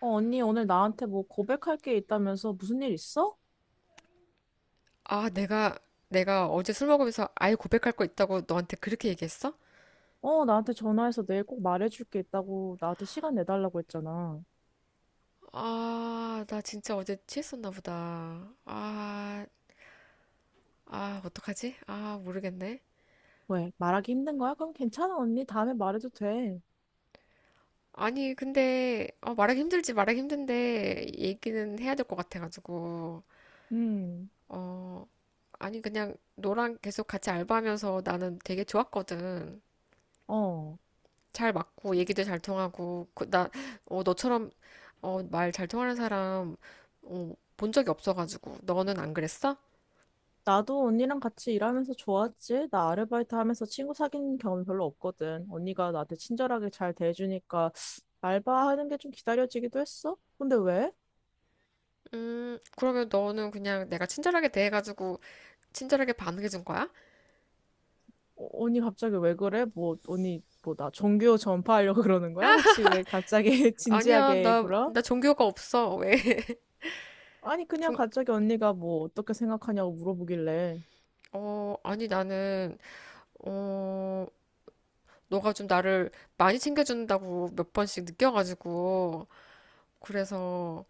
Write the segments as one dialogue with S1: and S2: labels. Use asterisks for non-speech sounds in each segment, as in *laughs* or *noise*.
S1: 어, 언니, 오늘 나한테 뭐 고백할 게 있다면서 무슨 일 있어?
S2: 아, 내가 어제 술 먹으면서 아예 고백할 거 있다고 너한테 그렇게 얘기했어?
S1: 어, 나한테 전화해서 내일 꼭 말해줄 게 있다고 나한테 시간 내달라고 했잖아.
S2: 아, 나 진짜 어제 취했었나 보다. 아, 아, 어떡하지? 아, 모르겠네.
S1: 왜? 말하기 힘든 거야? 그럼 괜찮아, 언니. 다음에 말해도 돼.
S2: 아니, 근데, 말하기 힘들지, 말하기 힘든데, 얘기는 해야 될 것 같아가지고.
S1: 음,
S2: 어, 아니, 그냥 너랑 계속 같이 알바하면서 나는 되게 좋았거든.
S1: 어.
S2: 잘 맞고 얘기도 잘 통하고 그, 나 너처럼 말 잘 통하는 사람 본 적이 없어가지고 너는 안 그랬어?
S1: 나도 언니랑 같이 일하면서 좋았지. 나 아르바이트 하면서 친구 사귄 경험 별로 없거든. 언니가 나한테 친절하게 잘 대해주니까 알바하는 게 좀 기다려지기도 했어. 근데 왜?
S2: 그러면 너는 그냥 내가 친절하게 대해가지고 친절하게 반응해준 거야?
S1: 어, 언니 갑자기 왜 그래? 뭐 언니 뭐 나 종교 전파하려고 *laughs* 그러는 거야? 혹시 왜 갑자기 *laughs*
S2: 아니야
S1: 진지하게
S2: 나
S1: 굴어?
S2: 나 종교가 없어 왜? *laughs*
S1: 아니 그냥
S2: 종,
S1: 갑자기 언니가 뭐 어떻게 생각하냐고 물어보길래
S2: 아니 나는 어 너가 좀 나를 많이 챙겨준다고 몇 번씩 느껴가지고 그래서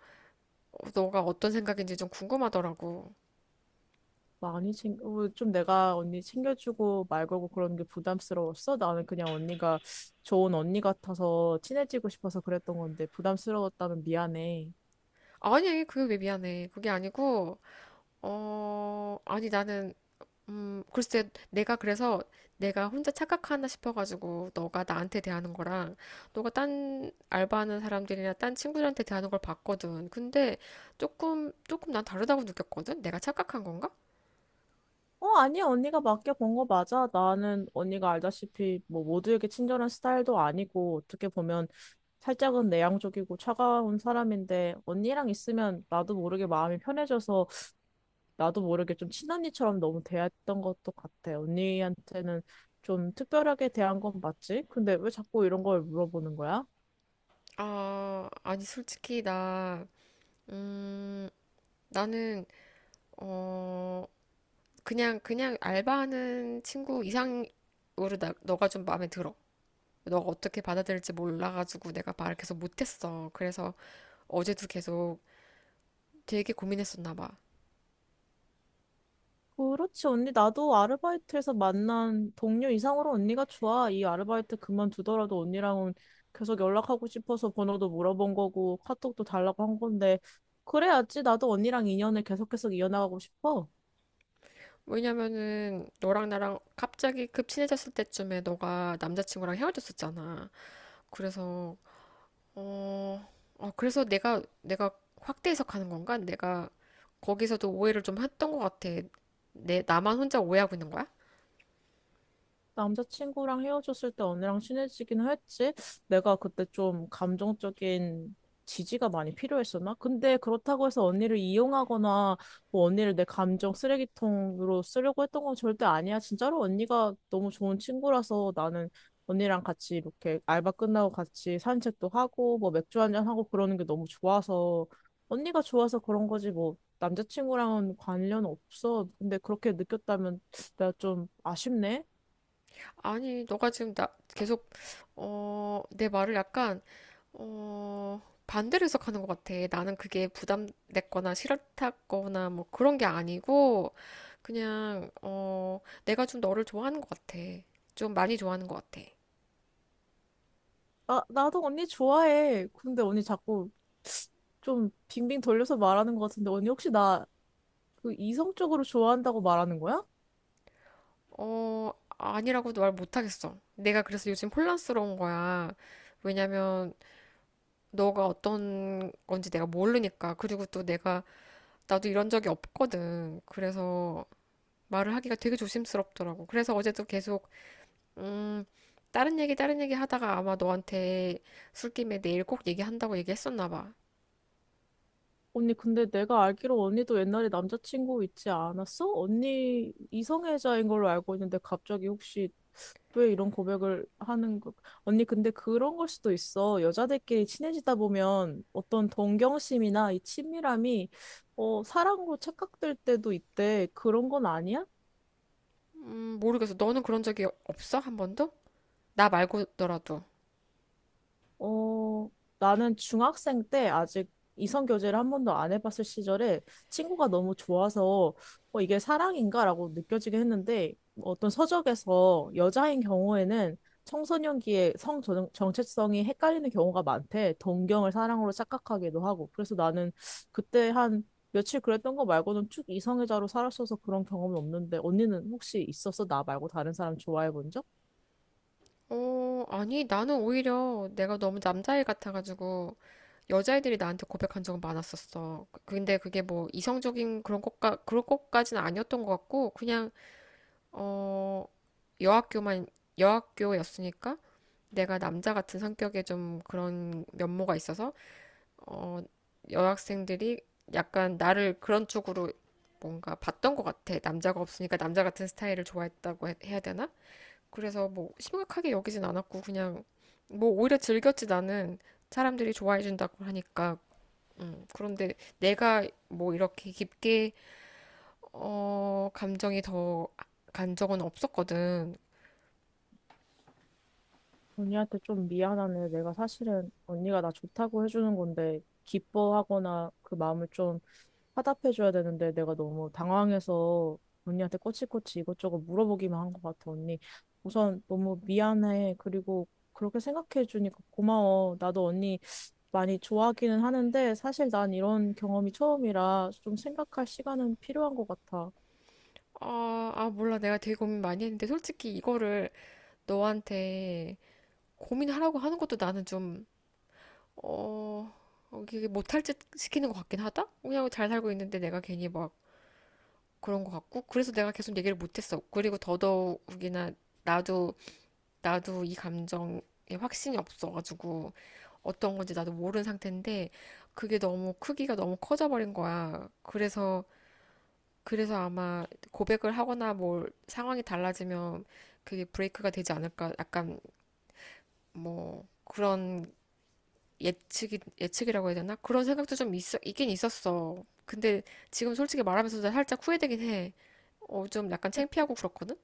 S2: 너가 어떤 생각인지 좀 궁금하더라고.
S1: 많이 챙겨 좀 내가 언니 챙겨주고 말 걸고 그러는 게 부담스러웠어? 나는 그냥 언니가 좋은 언니 같아서 친해지고 싶어서 그랬던 건데 부담스러웠다면 미안해.
S2: 아니 그게 왜 미안해 그게 아니고 아니 나는 글쎄 내가 그래서 내가 혼자 착각하나 싶어가지고 너가 나한테 대하는 거랑 너가 딴 알바하는 사람들이나 딴 친구들한테 대하는 걸 봤거든. 근데 조금 난 다르다고 느꼈거든. 내가 착각한 건가?
S1: 어, 아니야. 언니가 맡겨본 거 맞아. 나는 언니가 알다시피 뭐 모두에게 친절한 스타일도 아니고 어떻게 보면 살짝은 내향적이고 차가운 사람인데 언니랑 있으면 나도 모르게 마음이 편해져서 나도 모르게 좀 친언니처럼 너무 대했던 것도 같아. 언니한테는 좀 특별하게 대한 건 맞지? 근데 왜 자꾸 이런 걸 물어보는 거야?
S2: 아, 아니 솔직히 나 음, 나는 어, 그냥 알바하는 친구 이상으로 나, 너가 좀 마음에 들어. 너가 어떻게 받아들일지 몰라가지고 내가 말을 계속 못했어. 그래서 어제도 계속 되게 고민했었나 봐.
S1: 그렇지, 언니. 나도 아르바이트에서 만난 동료 이상으로 언니가 좋아. 이 아르바이트 그만두더라도 언니랑은 계속 연락하고 싶어서 번호도 물어본 거고 카톡도 달라고 한 건데 그래야지 나도 언니랑 인연을 계속 해서 이어나가고 싶어.
S2: 왜냐면은 너랑 나랑 갑자기 급 친해졌을 때쯤에 너가 남자친구랑 헤어졌었잖아. 그래서 어, 그래서 내가 확대 해석하는 건가? 내가 거기서도 오해를 좀 했던 것 같아. 내 나만 혼자 오해하고 있는 거야?
S1: 남자친구랑 헤어졌을 때 언니랑 친해지긴 했지. 내가 그때 좀 감정적인 지지가 많이 필요했었나? 근데 그렇다고 해서 언니를 이용하거나 뭐 언니를 내 감정 쓰레기통으로 쓰려고 했던 건 절대 아니야. 진짜로 언니가 너무 좋은 친구라서 나는 언니랑 같이 이렇게 알바 끝나고 같이 산책도 하고 뭐 맥주 한 잔 하고 그러는 게 너무 좋아서 언니가 좋아서 그런 거지 뭐 남자친구랑은 관련 없어. 근데 그렇게 느꼈다면 내가 좀 아쉽네.
S2: 아니, 너가 지금 나 계속 내 말을 약간 어, 반대로 해석하는 것 같아. 나는 그게 부담됐거나 싫었다거나 뭐 그런 게 아니고, 그냥, 어, 내가 좀 너를 좋아하는 것 같아. 좀 많이 좋아하는 것 같아.
S1: 나도 언니 좋아해. 근데 언니 자꾸 좀 빙빙 돌려서 말하는 것 같은데, 언니 혹시 나 그 이성적으로 좋아한다고 말하는 거야?
S2: 어, 아니라고도 말 못하겠어. 내가 그래서 요즘 혼란스러운 거야. 왜냐면, 너가 어떤 건지 내가 모르니까. 그리고 또 내가, 나도 이런 적이 없거든. 그래서 말을 하기가 되게 조심스럽더라고. 그래서 어제도 계속 음, 다른 얘기 하다가 아마 너한테 술김에 내일 꼭 얘기한다고 얘기했었나 봐.
S1: 언니, 근데 내가 알기로 언니도 옛날에 남자친구 있지 않았어? 언니 이성애자인 걸로 알고 있는데, 갑자기 혹시 왜 이런 고백을 하는 거? 언니, 근데 그런 걸 수도 있어. 여자들끼리 친해지다 보면 어떤 동경심이나 이 친밀함이 사랑으로 착각될 때도 있대. 그런 건 아니야?
S2: 모르겠어. 너는 그런 적이 없어? 한 번도? 나 말고더라도.
S1: 어, 나는 중학생 때 아직 이성 교제를 한 번도 안 해봤을 시절에 친구가 너무 좋아서 이게 사랑인가라고 느껴지긴 했는데 어떤 서적에서 여자인 경우에는 청소년기에 정체성이 헷갈리는 경우가 많대. 동경을 사랑으로 착각하기도 하고. 그래서 나는 그때 한 며칠 그랬던 거 말고는 쭉 이성애자로 살았어서 그런 경험은 없는데 언니는 혹시 있었어? 나 말고 다른 사람 좋아해 본 적?
S2: 어, 아니, 나는 오히려 내가 너무 남자애 같아가지고 여자애들이 나한테 고백한 적은 많았었어. 그, 근데 그게 뭐 이성적인 그런 것까지는 아니었던 것 같고, 어, 여학교만, 여학교였으니까 내가 남자 같은 성격에 좀 그런 면모가 있어서 어, 여학생들이 약간 나를 그런 쪽으로 뭔가 봤던 것 같아. 남자가 없으니까 남자 같은 스타일을 좋아했다고 해야 되나? 그래서 뭐 심각하게 여기진 않았고 그냥 뭐 오히려 즐겼지 나는 사람들이 좋아해 준다고 하니까. 그런데 내가 뭐 이렇게 깊게 감정이 더 간 적은 없었거든.
S1: 언니한테 좀 미안하네. 내가 사실은 언니가 나 좋다고 해주는 건데, 기뻐하거나 그 마음을 좀 화답해줘야 되는데, 내가 너무 당황해서 언니한테 꼬치꼬치 이것저것 물어보기만 한 것 같아, 언니. 우선 너무 미안해. 그리고 그렇게 생각해주니까 고마워. 나도 언니 많이 좋아하기는 하는데, 사실 난 이런 경험이 처음이라 좀 생각할 시간은 필요한 것 같아.
S2: 아, 몰라. 내가 되게 고민 많이 했는데 솔직히 이거를 너한테 고민하라고 하는 것도 나는 좀 어, 이게 못할 짓 시키는 것 같긴 하다? 그냥 잘 살고 있는데 내가 괜히 막 그런 것 같고, 그래서 내가 계속 얘기를 못했어. 그리고 더더욱이나 나도, 나도 이 감정에 확신이 없어가지고, 어떤 건지 나도 모르는 상태인데, 그게 너무 크기가 너무 커져버린 거야. 그래서 아마 고백을 하거나 뭘 상황이 달라지면 그게 브레이크가 되지 않을까, 약간 뭐, 그런 예측이라고 해야 되나? 그런 생각도 좀 있어 있긴 있었어. 근데 지금 솔직히 말하면서도 살짝 후회되긴 해. 어, 좀 약간 창피하고 그렇거든?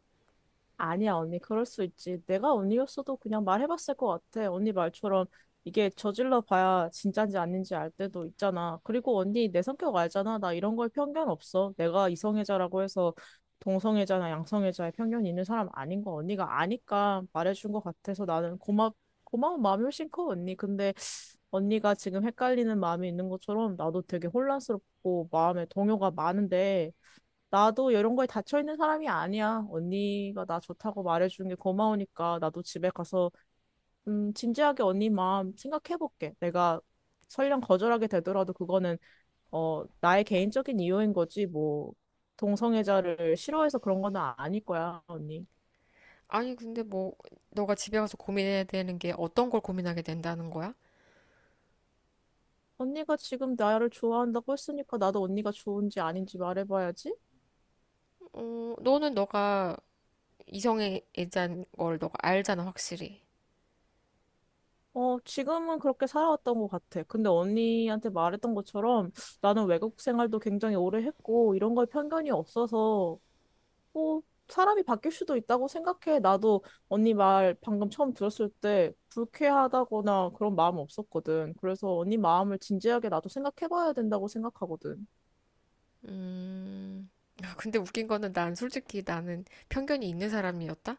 S1: 아니야, 언니, 그럴 수 있지. 내가 언니였어도 그냥 말해봤을 것 같아. 언니 말처럼 이게 저질러 봐야 진짠지 아닌지 알 때도 있잖아. 그리고 언니, 내 성격 알잖아. 나 이런 거에 편견 없어. 내가 이성애자라고 해서 동성애자나 양성애자에 편견이 있는 사람 아닌 거 언니가 아니까 말해준 것 같아서 나는 고마운 마음이 훨씬 커, 언니. 근데 언니가 지금 헷갈리는 마음이 있는 것처럼 나도 되게 혼란스럽고 마음에 동요가 많은데 나도 이런 거에 닫혀있는 사람이 아니야. 언니가 나 좋다고 말해주는 게 고마우니까 나도 집에 가서 진지하게 언니 마음 생각해볼게. 내가 설령 거절하게 되더라도 그거는 나의 개인적인 이유인 거지 뭐 동성애자를 싫어해서 그런 건 아닐 거야, 언니.
S2: 아니, 근데 뭐, 너가 집에 가서 고민해야 되는 게 어떤 걸 고민하게 된다는 거야?
S1: 언니가 지금 나를 좋아한다고 했으니까 나도 언니가 좋은지 아닌지 말해봐야지.
S2: 어, 너는 너가 이성애자인 걸 너가 알잖아, 확실히.
S1: 어, 지금은 그렇게 살아왔던 것 같아. 근데 언니한테 말했던 것처럼 나는 외국 생활도 굉장히 오래 했고 이런 거에 편견이 없어서 뭐 사람이 바뀔 수도 있다고 생각해. 나도 언니 말 방금 처음 들었을 때 불쾌하다거나 그런 마음 없었거든. 그래서 언니 마음을 진지하게 나도 생각해봐야 된다고 생각하거든.
S2: 음, *laughs* 아, 근데 웃긴 거는 난 솔직히 나는 편견이 있는 사람이었다?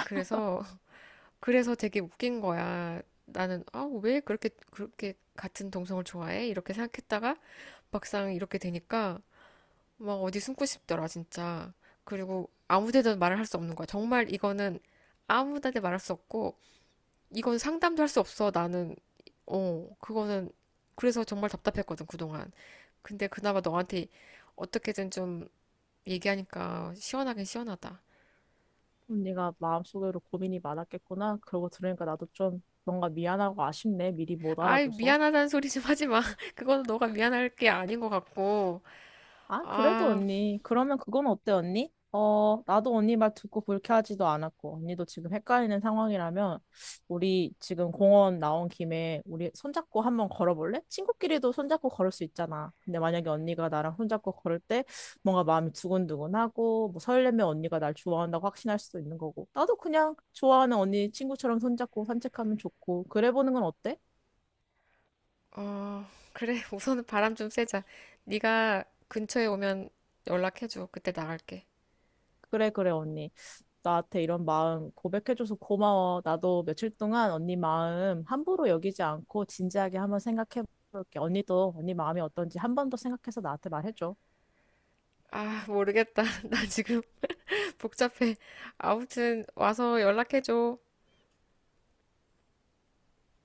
S2: 그래서 그래서 되게 웃긴 거야. 나는 아, 왜 그렇게 같은 동성을 좋아해? 이렇게 생각했다가 막상 이렇게 되니까 막 어디 숨고 싶더라, 진짜. 그리고 아무 데도 말을 할 수 없는 거야. 정말 이거는 아무 데도 말할 수 없고 이건 상담도 할 수 없어. 나는 그거는 그래서 정말 답답했거든, 그동안. 근데 그나마 너한테 어떻게든 좀 얘기하니까 시원하긴 시원하다.
S1: 언니가 마음속으로 고민이 많았겠구나. 그러고 들으니까 나도 좀 뭔가 미안하고 아쉽네. 미리 못
S2: 아이,
S1: 알아줘서.
S2: 미안하다는 소리 좀 하지 마. *laughs* 그거는 너가 미안할 게 아닌 것 같고.
S1: 아, 그래도
S2: 아,
S1: 언니. 그러면 그건 어때, 언니? 어, 나도 언니 말 듣고 불쾌하지도 않았고, 언니도 지금 헷갈리는 상황이라면, 우리 지금 공원 나온 김에 우리 손잡고 한번 걸어볼래? 친구끼리도 손잡고 걸을 수 있잖아. 근데 만약에 언니가 나랑 손잡고 걸을 때 뭔가 마음이 두근두근하고, 뭐 설레면 언니가 날 좋아한다고 확신할 수도 있는 거고. 나도 그냥 좋아하는 언니 친구처럼 손잡고 산책하면 좋고, 그래 보는 건 어때?
S2: 어, 그래. *laughs* 우선은 바람 좀 쐬자. 네가 근처에 오면 연락해줘. 그때 나갈게.
S1: 그래, 그래, 언니. 나한테 이런 마음 고백해줘서 고마워. 나도 며칠 동안 언니 마음 함부로 여기지 않고 진지하게 한번 생각해볼게. 언니도 언니 마음이 어떤지 한 번 더 생각해서 나한테 말해줘.
S2: 아, 모르겠다. *laughs* 나 지금 *laughs* 복잡해. 아무튼 와서 연락해줘.